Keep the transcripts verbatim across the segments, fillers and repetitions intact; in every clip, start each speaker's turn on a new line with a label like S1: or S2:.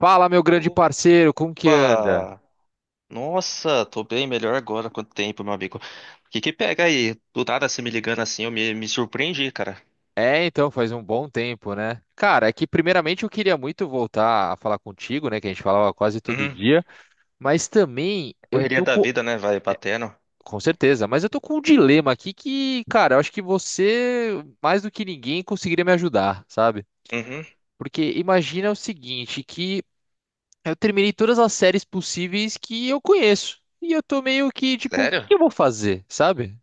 S1: Fala, meu grande parceiro, como que anda?
S2: Opa! Nossa, tô bem melhor agora. Quanto tempo, meu amigo? O que que pega aí? Do nada se me ligando assim, eu me, me surpreendi, cara.
S1: É, então, faz um bom tempo, né? Cara, é que primeiramente eu queria muito voltar a falar contigo, né? Que a gente falava quase todo
S2: Uhum.
S1: dia, mas também eu
S2: Correria
S1: tô
S2: da
S1: com.
S2: vida, né? Vai batendo.
S1: Com certeza, mas eu tô com um dilema aqui que, cara, eu acho que você, mais do que ninguém, conseguiria me ajudar, sabe?
S2: Uhum.
S1: Porque imagina o seguinte, que eu terminei todas as séries possíveis que eu conheço. E eu tô meio que, tipo, o que
S2: Sério?
S1: que eu vou fazer, sabe?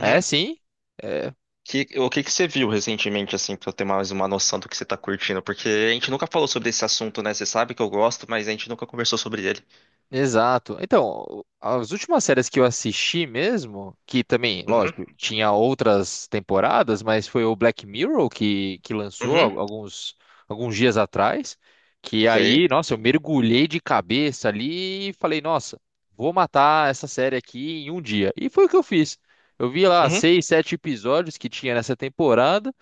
S1: É, sim. é,
S2: Que, o que que você viu recentemente, assim, pra eu ter mais uma noção do que você tá curtindo? Porque a gente nunca falou sobre esse assunto, né? Você sabe que eu gosto, mas a gente nunca conversou sobre ele.
S1: Exato. Então, as últimas séries que eu assisti mesmo, que também,
S2: Uhum.
S1: lógico, tinha outras temporadas, mas foi o Black Mirror que, que lançou al-
S2: Uhum.
S1: alguns, alguns dias atrás, que aí,
S2: Sei.
S1: nossa, eu mergulhei de cabeça ali e falei, nossa, vou matar essa série aqui em um dia. E foi o que eu fiz. Eu vi lá
S2: Uhum.
S1: seis, sete episódios que tinha nessa temporada,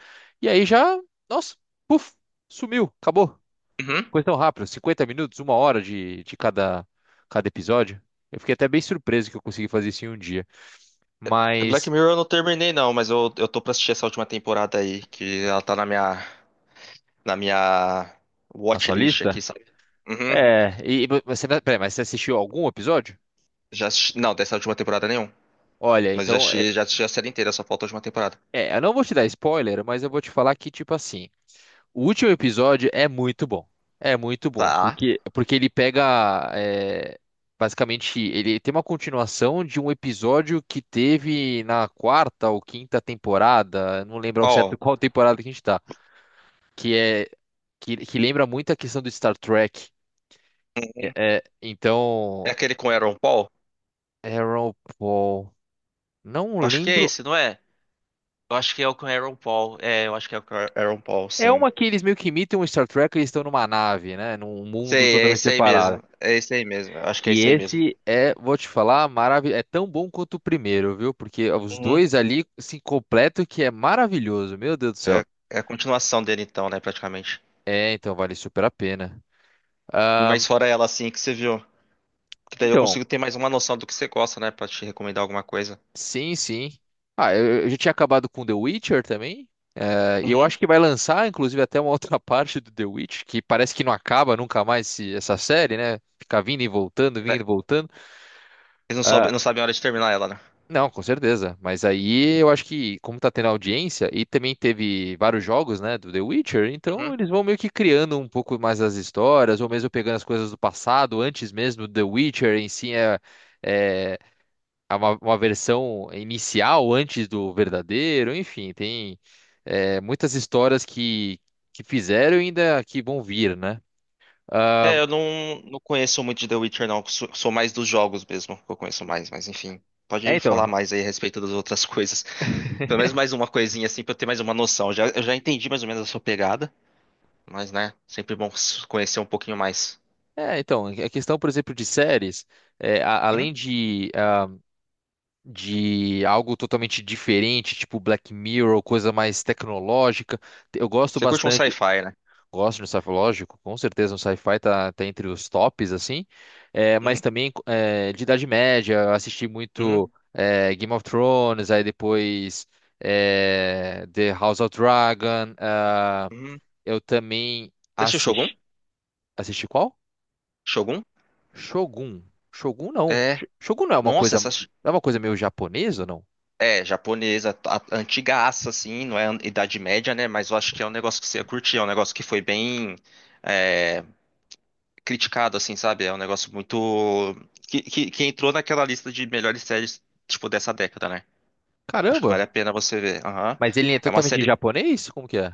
S1: e aí já, nossa, puf, sumiu, acabou.
S2: Uhum.
S1: Coisa tão rápida, cinquenta minutos, uma hora de, de cada, cada episódio. Eu fiquei até bem surpreso que eu consegui fazer isso em um dia.
S2: Black
S1: Mas,
S2: Mirror eu não terminei, não, mas eu, eu tô pra assistir essa última temporada aí, que ela tá na minha. na minha
S1: na sua
S2: watchlist
S1: lista?
S2: aqui, sabe? Uhum.
S1: É, e e você, não- peraí, mas você assistiu algum episódio?
S2: Já assisti... Não, dessa última temporada nenhum.
S1: Olha,
S2: Mas já
S1: então, é,
S2: assisti, já assisti a série inteira, só falta a última temporada.
S1: é, eu não vou te dar spoiler, mas eu vou te falar que, tipo assim, o último episódio é muito bom. É muito bom,
S2: Tá.
S1: porque, porque ele pega, é, basicamente, ele tem uma continuação de um episódio que teve na quarta ou quinta temporada, eu não lembro ao
S2: Qual?
S1: certo qual temporada que a gente tá. que é que, que lembra muito a questão do Star Trek. É, é,
S2: É
S1: então,
S2: aquele com Aaron Paul?
S1: Aaron Paul, não
S2: Eu acho que é
S1: lembro.
S2: esse, não é? Eu acho que é o com Aaron Paul. É, eu acho que é o com Aaron Paul,
S1: É
S2: sim.
S1: uma que eles meio que imitam o Star Trek, eles estão numa nave, né, num mundo
S2: Sei, é
S1: totalmente
S2: esse aí
S1: separado.
S2: mesmo. É esse aí mesmo. Eu acho que é
S1: Que
S2: esse aí mesmo.
S1: esse é, vou te falar, maravilhoso, é tão bom quanto o primeiro, viu? Porque os
S2: Uhum.
S1: dois ali se completam que é maravilhoso, meu Deus do
S2: É,
S1: céu.
S2: é a continuação dele então, né, praticamente.
S1: É, então vale super a pena.
S2: E
S1: Ah,
S2: mais fora ela, assim, que você viu. Que daí eu
S1: então,
S2: consigo ter mais uma noção do que você gosta, né, pra te recomendar alguma coisa.
S1: sim, sim. Ah, eu, eu já tinha acabado com The Witcher também. É, e eu
S2: Uhum.
S1: acho que vai lançar, inclusive, até uma outra parte do The Witch, que parece que não acaba nunca mais esse- essa série, né? Fica vindo e voltando, vindo e voltando.
S2: Eles não, soube-
S1: Ah,
S2: não sabem a hora de terminar ela, né?
S1: não, com certeza. Mas aí eu acho que, como tá tendo audiência, e também teve vários jogos, né, do The Witcher, então
S2: Uhum.
S1: eles vão meio que criando um pouco mais as histórias, ou mesmo pegando as coisas do passado, antes mesmo do The Witcher em si é. É, é uma, uma versão inicial antes do verdadeiro, enfim, tem é, muitas histórias que, que fizeram e ainda que vão vir, né? Ah,
S2: É, eu não, não conheço muito de The Witcher, não. Sou, sou mais dos jogos mesmo, que eu conheço mais, mas enfim.
S1: é,
S2: Pode falar
S1: então,
S2: mais aí a respeito das outras coisas. Pelo menos mais uma coisinha assim pra eu ter mais uma noção. Já, eu já entendi mais ou menos a sua pegada, mas né, sempre bom s- conhecer um pouquinho mais.
S1: é, então, a questão, por exemplo, de séries, é, a-
S2: Uhum.
S1: além de, ah, de algo totalmente diferente, tipo Black Mirror, coisa mais tecnológica, eu gosto
S2: Você curte um
S1: bastante.
S2: sci-fi, né?
S1: Gosto de um sci-fi, lógico, com certeza um sci-fi tá, tá entre os tops, assim, é, mas
S2: Uhum,
S1: também é, de Idade Média, eu assisti
S2: uhum,
S1: muito é, Game of Thrones, aí depois é, The House of Dragon, ah,
S2: uhum.
S1: eu também
S2: Você assistiu Shogun?
S1: assisti, assisti qual?
S2: Shogun?
S1: Shogun, Shogun não,
S2: É.
S1: Sh- Shogun não é uma
S2: Nossa,
S1: coisa,
S2: essa.
S1: é uma coisa meio japonesa, ou não?
S2: É, japonesa, a- antigaça, assim, não é an- Idade Média, né? Mas eu acho que é um negócio que você ia curtir, é um negócio que foi bem. é, Criticado, assim, sabe? É um negócio muito. Que, que, que entrou naquela lista de melhores séries, tipo, dessa década, né? Acho que vale
S1: Caramba,
S2: a pena você ver. Aham.
S1: mas ele é
S2: É uma
S1: totalmente
S2: série.
S1: japonês? Como que é?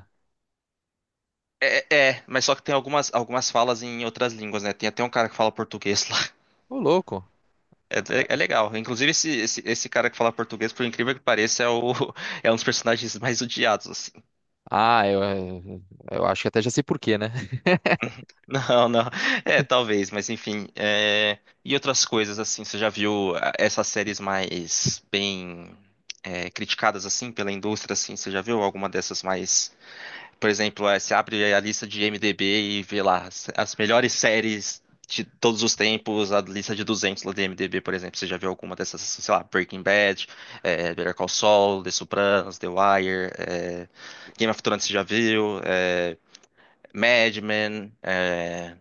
S2: É, é, é, mas só que tem algumas, algumas falas em outras línguas, né? Tem até um cara que fala português lá.
S1: Ô, louco.
S2: É, é- é legal. Inclusive, esse, esse, esse cara que fala português, por incrível que pareça, é, o, é um dos personagens mais odiados, assim.
S1: Ah, eu, eu acho que até já sei por quê, né?
S2: Não, não. É, talvez, mas enfim. é, E outras coisas, assim, você já viu ah, essas séries mais bem é, criticadas, assim, pela indústria, assim, você já viu alguma dessas mais... Por exemplo, é, você abre a lista de IMDb e vê lá as as melhores séries de todos os tempos, a lista de duzentos lá do IMDb, por exemplo. Você já viu alguma dessas, assim, sei lá, Breaking Bad, é, Better Call Saul, The Sopranos, The Wire, é, Game of Thrones, você já viu, é, Mad Men... é,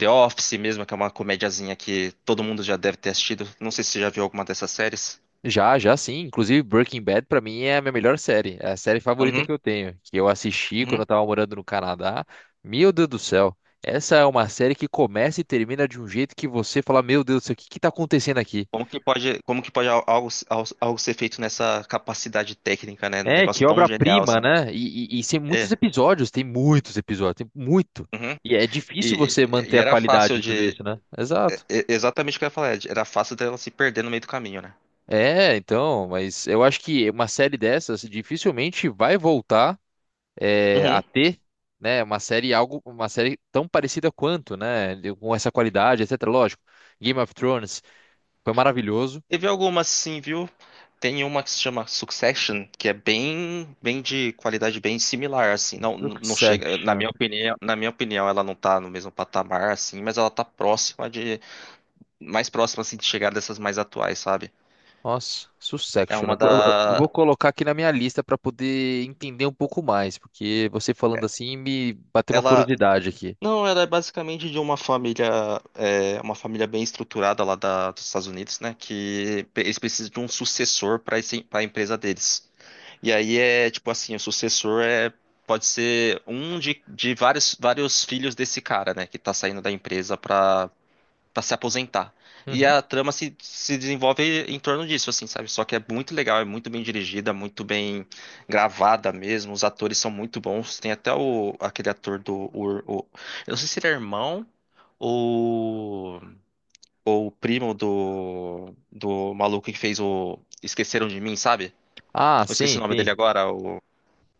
S2: The Office mesmo, que é uma comediazinha que todo mundo já deve ter assistido. Não sei se você já viu alguma dessas séries.
S1: Já, já sim. Inclusive, Breaking Bad pra mim é a minha melhor série. É a série favorita
S2: Uhum,
S1: que eu tenho, que eu assisti quando
S2: uhum.
S1: eu tava morando no Canadá. Meu Deus do céu. Essa é uma série que começa e termina de um jeito que você fala, meu Deus do céu, o que que tá acontecendo aqui?
S2: Como que pode, como que pode al- algo, al- algo ser feito nessa capacidade técnica, né? Um
S1: É,
S2: negócio
S1: que
S2: tão genial
S1: obra-prima,
S2: assim.
S1: né? E, e, e tem muitos
S2: É.
S1: episódios, tem muitos episódios, tem muito.
S2: Uhum.
S1: E é difícil
S2: E,
S1: você
S2: e
S1: manter a
S2: era
S1: qualidade
S2: fácil
S1: e tudo
S2: de.
S1: isso, né?
S2: é-
S1: Exato.
S2: é Exatamente o que eu ia falar, Ed. Era fácil dela se perder no meio do caminho, né?
S1: É, então, mas eu acho que uma série dessas dificilmente vai voltar é, a
S2: Uhum.
S1: ter, né, uma série algo, uma série tão parecida quanto, né, de- com essa qualidade, etcétera. Lógico, Game of Thrones foi maravilhoso.
S2: Teve algumas sim, viu? Tem uma que se chama Succession, que é bem, bem de qualidade bem similar, assim. Não, não chega, na
S1: Succession,
S2: minha opinião, na minha opinião, ela não tá no mesmo patamar, assim, mas ela tá próxima de, mais próxima, assim, de chegar dessas mais atuais, sabe?
S1: nossa,
S2: É
S1: Succession.
S2: uma
S1: Eu vou, eu- eu
S2: da,
S1: vou colocar aqui na minha lista para poder entender um pouco mais, porque você falando assim me bateu uma
S2: ela,
S1: curiosidade aqui.
S2: não, ela é basicamente de uma família, é, uma família bem estruturada lá da, dos Estados Unidos, né? Que pe- eles precisam de um sucessor para para a empresa deles. E aí é tipo assim, o sucessor é pode ser um de, de vários, vários filhos desse cara, né, que tá saindo da empresa pra, pra se aposentar. E
S1: Uhum.
S2: a trama se, se desenvolve em torno disso, assim, sabe? Só que é muito legal, é muito bem dirigida, muito bem gravada mesmo. Os atores são muito bons. Tem até o, aquele ator do. O, o- eu não sei se ele é irmão ou, ou o primo do, do maluco que fez o Esqueceram de Mim, sabe?
S1: Ah,
S2: Eu esqueci
S1: sim,
S2: o nome dele
S1: sim.
S2: agora,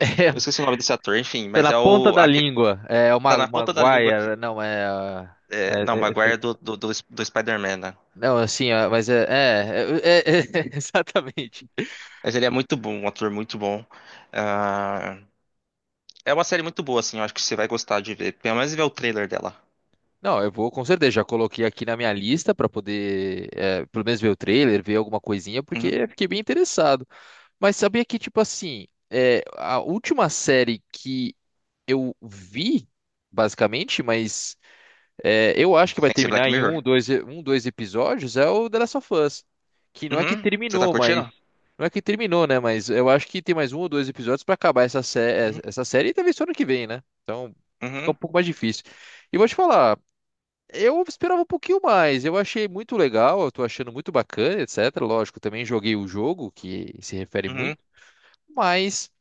S1: É,
S2: eu esqueci o nome desse ator, enfim,
S1: tá
S2: mas
S1: na
S2: é
S1: ponta
S2: o.
S1: da
S2: aque-
S1: língua. É
S2: tá
S1: uma,
S2: na
S1: uma
S2: ponta da língua aqui.
S1: guaia, não é, ah,
S2: É,
S1: é,
S2: não,
S1: é-
S2: Maguire é
S1: é-
S2: do, do, do, do Spider-Man, né?
S1: não, assim, ah, mas é, é, é- é- é- exatamente.
S2: Mas ele é muito bom, um ator muito bom. Ah, é uma série muito boa, assim, eu acho que você vai gostar de ver. Pelo menos ver o trailer dela.
S1: Não, eu vou com certeza. Já coloquei aqui na minha lista para poder, eh, pelo menos ver o trailer, ver alguma coisinha,
S2: Uhum.
S1: porque fiquei bem interessado. Mas sabia que, tipo assim, eh, a última série que eu vi, basicamente, mas eh, eu acho que vai
S2: Tem que ser Black
S1: terminar em
S2: Mirror.
S1: um, dois, e- um, dois episódios, é o The Last of Us. Que não é que
S2: Uhum. Você tá
S1: terminou, mas.
S2: curtindo?
S1: Não é que terminou, né? Mas eu acho que tem mais um ou dois episódios para acabar essa, sé-
S2: Uhum.
S1: essa série e talvez só ano que vem, né? Então fica um
S2: Uhum.
S1: pouco mais difícil. E vou te falar. Eu esperava um pouquinho mais. Eu achei muito legal, eu tô achando muito bacana, etcétera. Lógico, também joguei o jogo, que se refere
S2: Uhum.
S1: muito, mas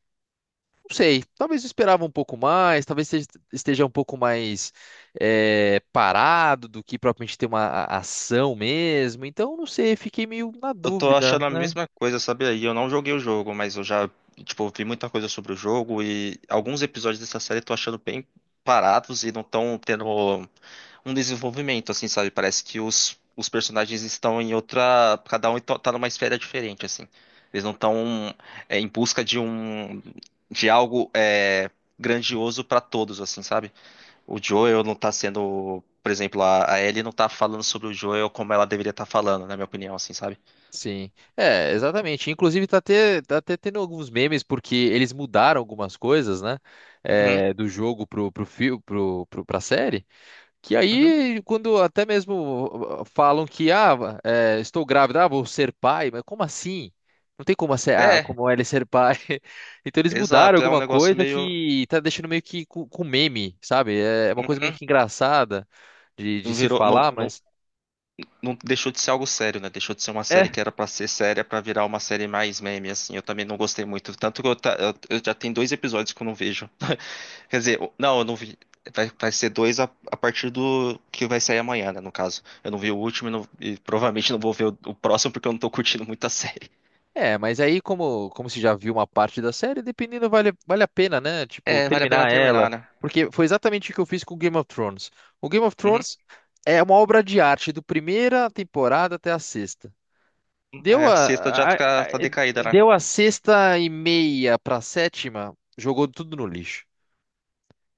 S1: não sei. Talvez eu esperava um pouco mais, talvez esteja esteja um pouco mais eh, parado do que propriamente ter uma a- ação mesmo. Então, não sei, fiquei meio na
S2: Eu tô
S1: dúvida,
S2: achando a
S1: né?
S2: mesma coisa, sabe? Aí? Eu não joguei o jogo, mas eu já, tipo, vi muita coisa sobre o jogo e alguns episódios dessa série eu tô achando bem parados e não estão tendo. Um desenvolvimento, assim, sabe? Parece que os, os personagens estão em outra. Cada um então tá numa esfera diferente, assim. Eles não estão em busca de um. De algo é, grandioso para todos, assim, sabe? O Joel não tá sendo. Por exemplo, a, a Ellie não tá falando sobre o Joel como ela deveria estar falando, na minha opinião, assim, sabe?
S1: Sim. É, exatamente. Inclusive, tá até, tá até tendo alguns memes, porque eles mudaram algumas coisas, né?
S2: Uhum,
S1: eh, do jogo pro, pro, fio- pro, pro, pra série. Que
S2: uhum.
S1: aí, quando até mesmo uh, falam que, ah, é, estou grávida, ah, vou ser pai, mas como assim? Não tem como, ser, ah,
S2: É,
S1: como é ele ser pai. Então eles mudaram
S2: exato. É um
S1: alguma
S2: negócio
S1: coisa
S2: meio.
S1: que tá deixando meio que com, com meme, sabe? É uma coisa meio
S2: Uhum.
S1: que engraçada de, de
S2: Não
S1: se
S2: virou, não,
S1: falar,
S2: não
S1: mas.
S2: não deixou de ser algo sério, né? Deixou de ser uma série
S1: É.
S2: que era pra ser séria pra virar uma série mais meme, assim. Eu também não gostei muito. Tanto que eu, ta- eu- eu já tenho dois episódios que eu não vejo. Quer dizer, eu- não, eu não vi. Vai, vai ser dois a, a partir do que vai sair amanhã, né? No caso. Eu não vi o último e, não- e provavelmente não vou ver o, o próximo porque eu não tô curtindo muito a série.
S1: É, mas aí, como, como se já viu uma parte da série, dependendo, vale, vale a pena, né? Tipo,
S2: É, vale a pena
S1: terminar
S2: terminar,
S1: ela.
S2: né?
S1: Porque foi exatamente o que eu fiz com Game of Thrones. O Game of
S2: Uhum.
S1: Thrones é uma obra de arte, do primeira temporada até a sexta.
S2: Aí
S1: Deu
S2: a sexta já
S1: a, a-
S2: fica,
S1: a-
S2: tá decaída, né?
S1: deu a sexta e meia pra sétima, jogou tudo no lixo.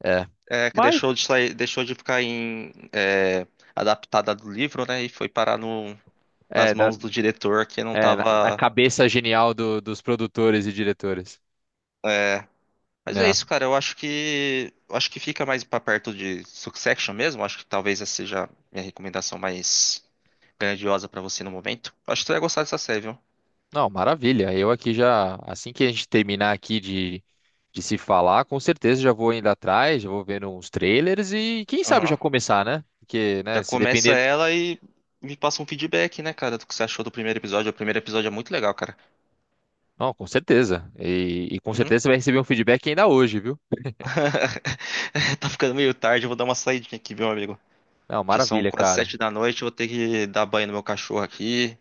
S1: É.
S2: É, que
S1: Mas,
S2: deixou de sair, deixou de ficar em, é, adaptada do livro, né? E foi parar no, nas
S1: é, da-
S2: mãos do diretor que não
S1: é, na, na
S2: tava.
S1: cabeça genial do- dos produtores e diretores.
S2: é, Mas é isso,
S1: É.
S2: cara. Eu acho que. eu acho que fica mais pra perto de Succession mesmo. Acho que talvez essa seja minha recomendação mais grandiosa pra você no momento. Acho que tu ia gostar dessa série, viu?
S1: Não, maravilha. Eu aqui já, assim que a gente terminar aqui de, de se falar, com certeza já vou indo atrás, já vou vendo uns trailers e quem sabe já
S2: Aham.
S1: começar, né? Porque,
S2: Já
S1: né, se
S2: começa
S1: depender.
S2: ela e me passa um feedback, né, cara, do que você achou do primeiro episódio. O primeiro episódio é muito legal, cara.
S1: Não, com certeza. E, e com
S2: Uhum.
S1: certeza você vai receber um feedback ainda hoje, viu?
S2: Tá ficando meio tarde, eu vou dar uma saidinha aqui, meu amigo.
S1: Não,
S2: Já são
S1: maravilha,
S2: quase
S1: cara.
S2: sete da noite, eu vou ter que dar banho no meu cachorro aqui.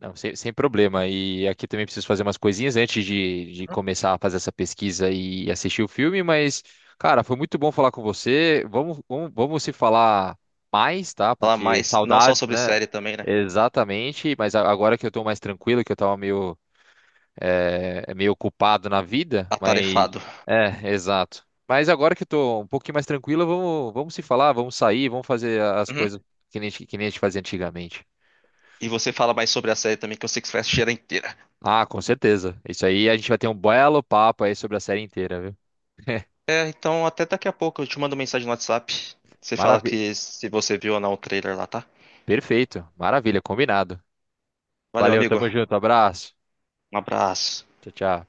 S1: Não, sem, sem problema. E aqui também preciso fazer umas coisinhas antes de, de começar a fazer essa pesquisa e assistir o filme, mas, cara, foi muito bom falar com você. Vamos, vamos, vamos se falar mais, tá?
S2: Falar
S1: Porque
S2: mais, não só
S1: saudades,
S2: sobre
S1: né?
S2: série também, né?
S1: Exatamente. Mas a- agora que eu tô mais tranquilo, que eu tava meio, é, meio ocupado na vida, mas.
S2: Atarefado.
S1: É, exato. Mas agora que eu tô um pouquinho mais tranquilo, vamos, vamos se falar, vamos sair, vamos fazer as
S2: Uhum.
S1: coisas que nem, a gente- que nem a gente fazia antigamente.
S2: E você fala mais sobre a série também, que eu sei que você vai assistir ela inteira.
S1: Ah, com certeza. Isso aí a gente vai ter um belo papo aí sobre a série inteira, viu?
S2: É, então até daqui a pouco eu te mando mensagem no WhatsApp. Você fala
S1: Maravilha.
S2: que se você viu ou não o trailer lá, tá?
S1: Perfeito. Maravilha, combinado.
S2: Valeu,
S1: Valeu,
S2: amigo.
S1: tamo junto. Abraço.
S2: Um abraço.
S1: Tchau, tchau.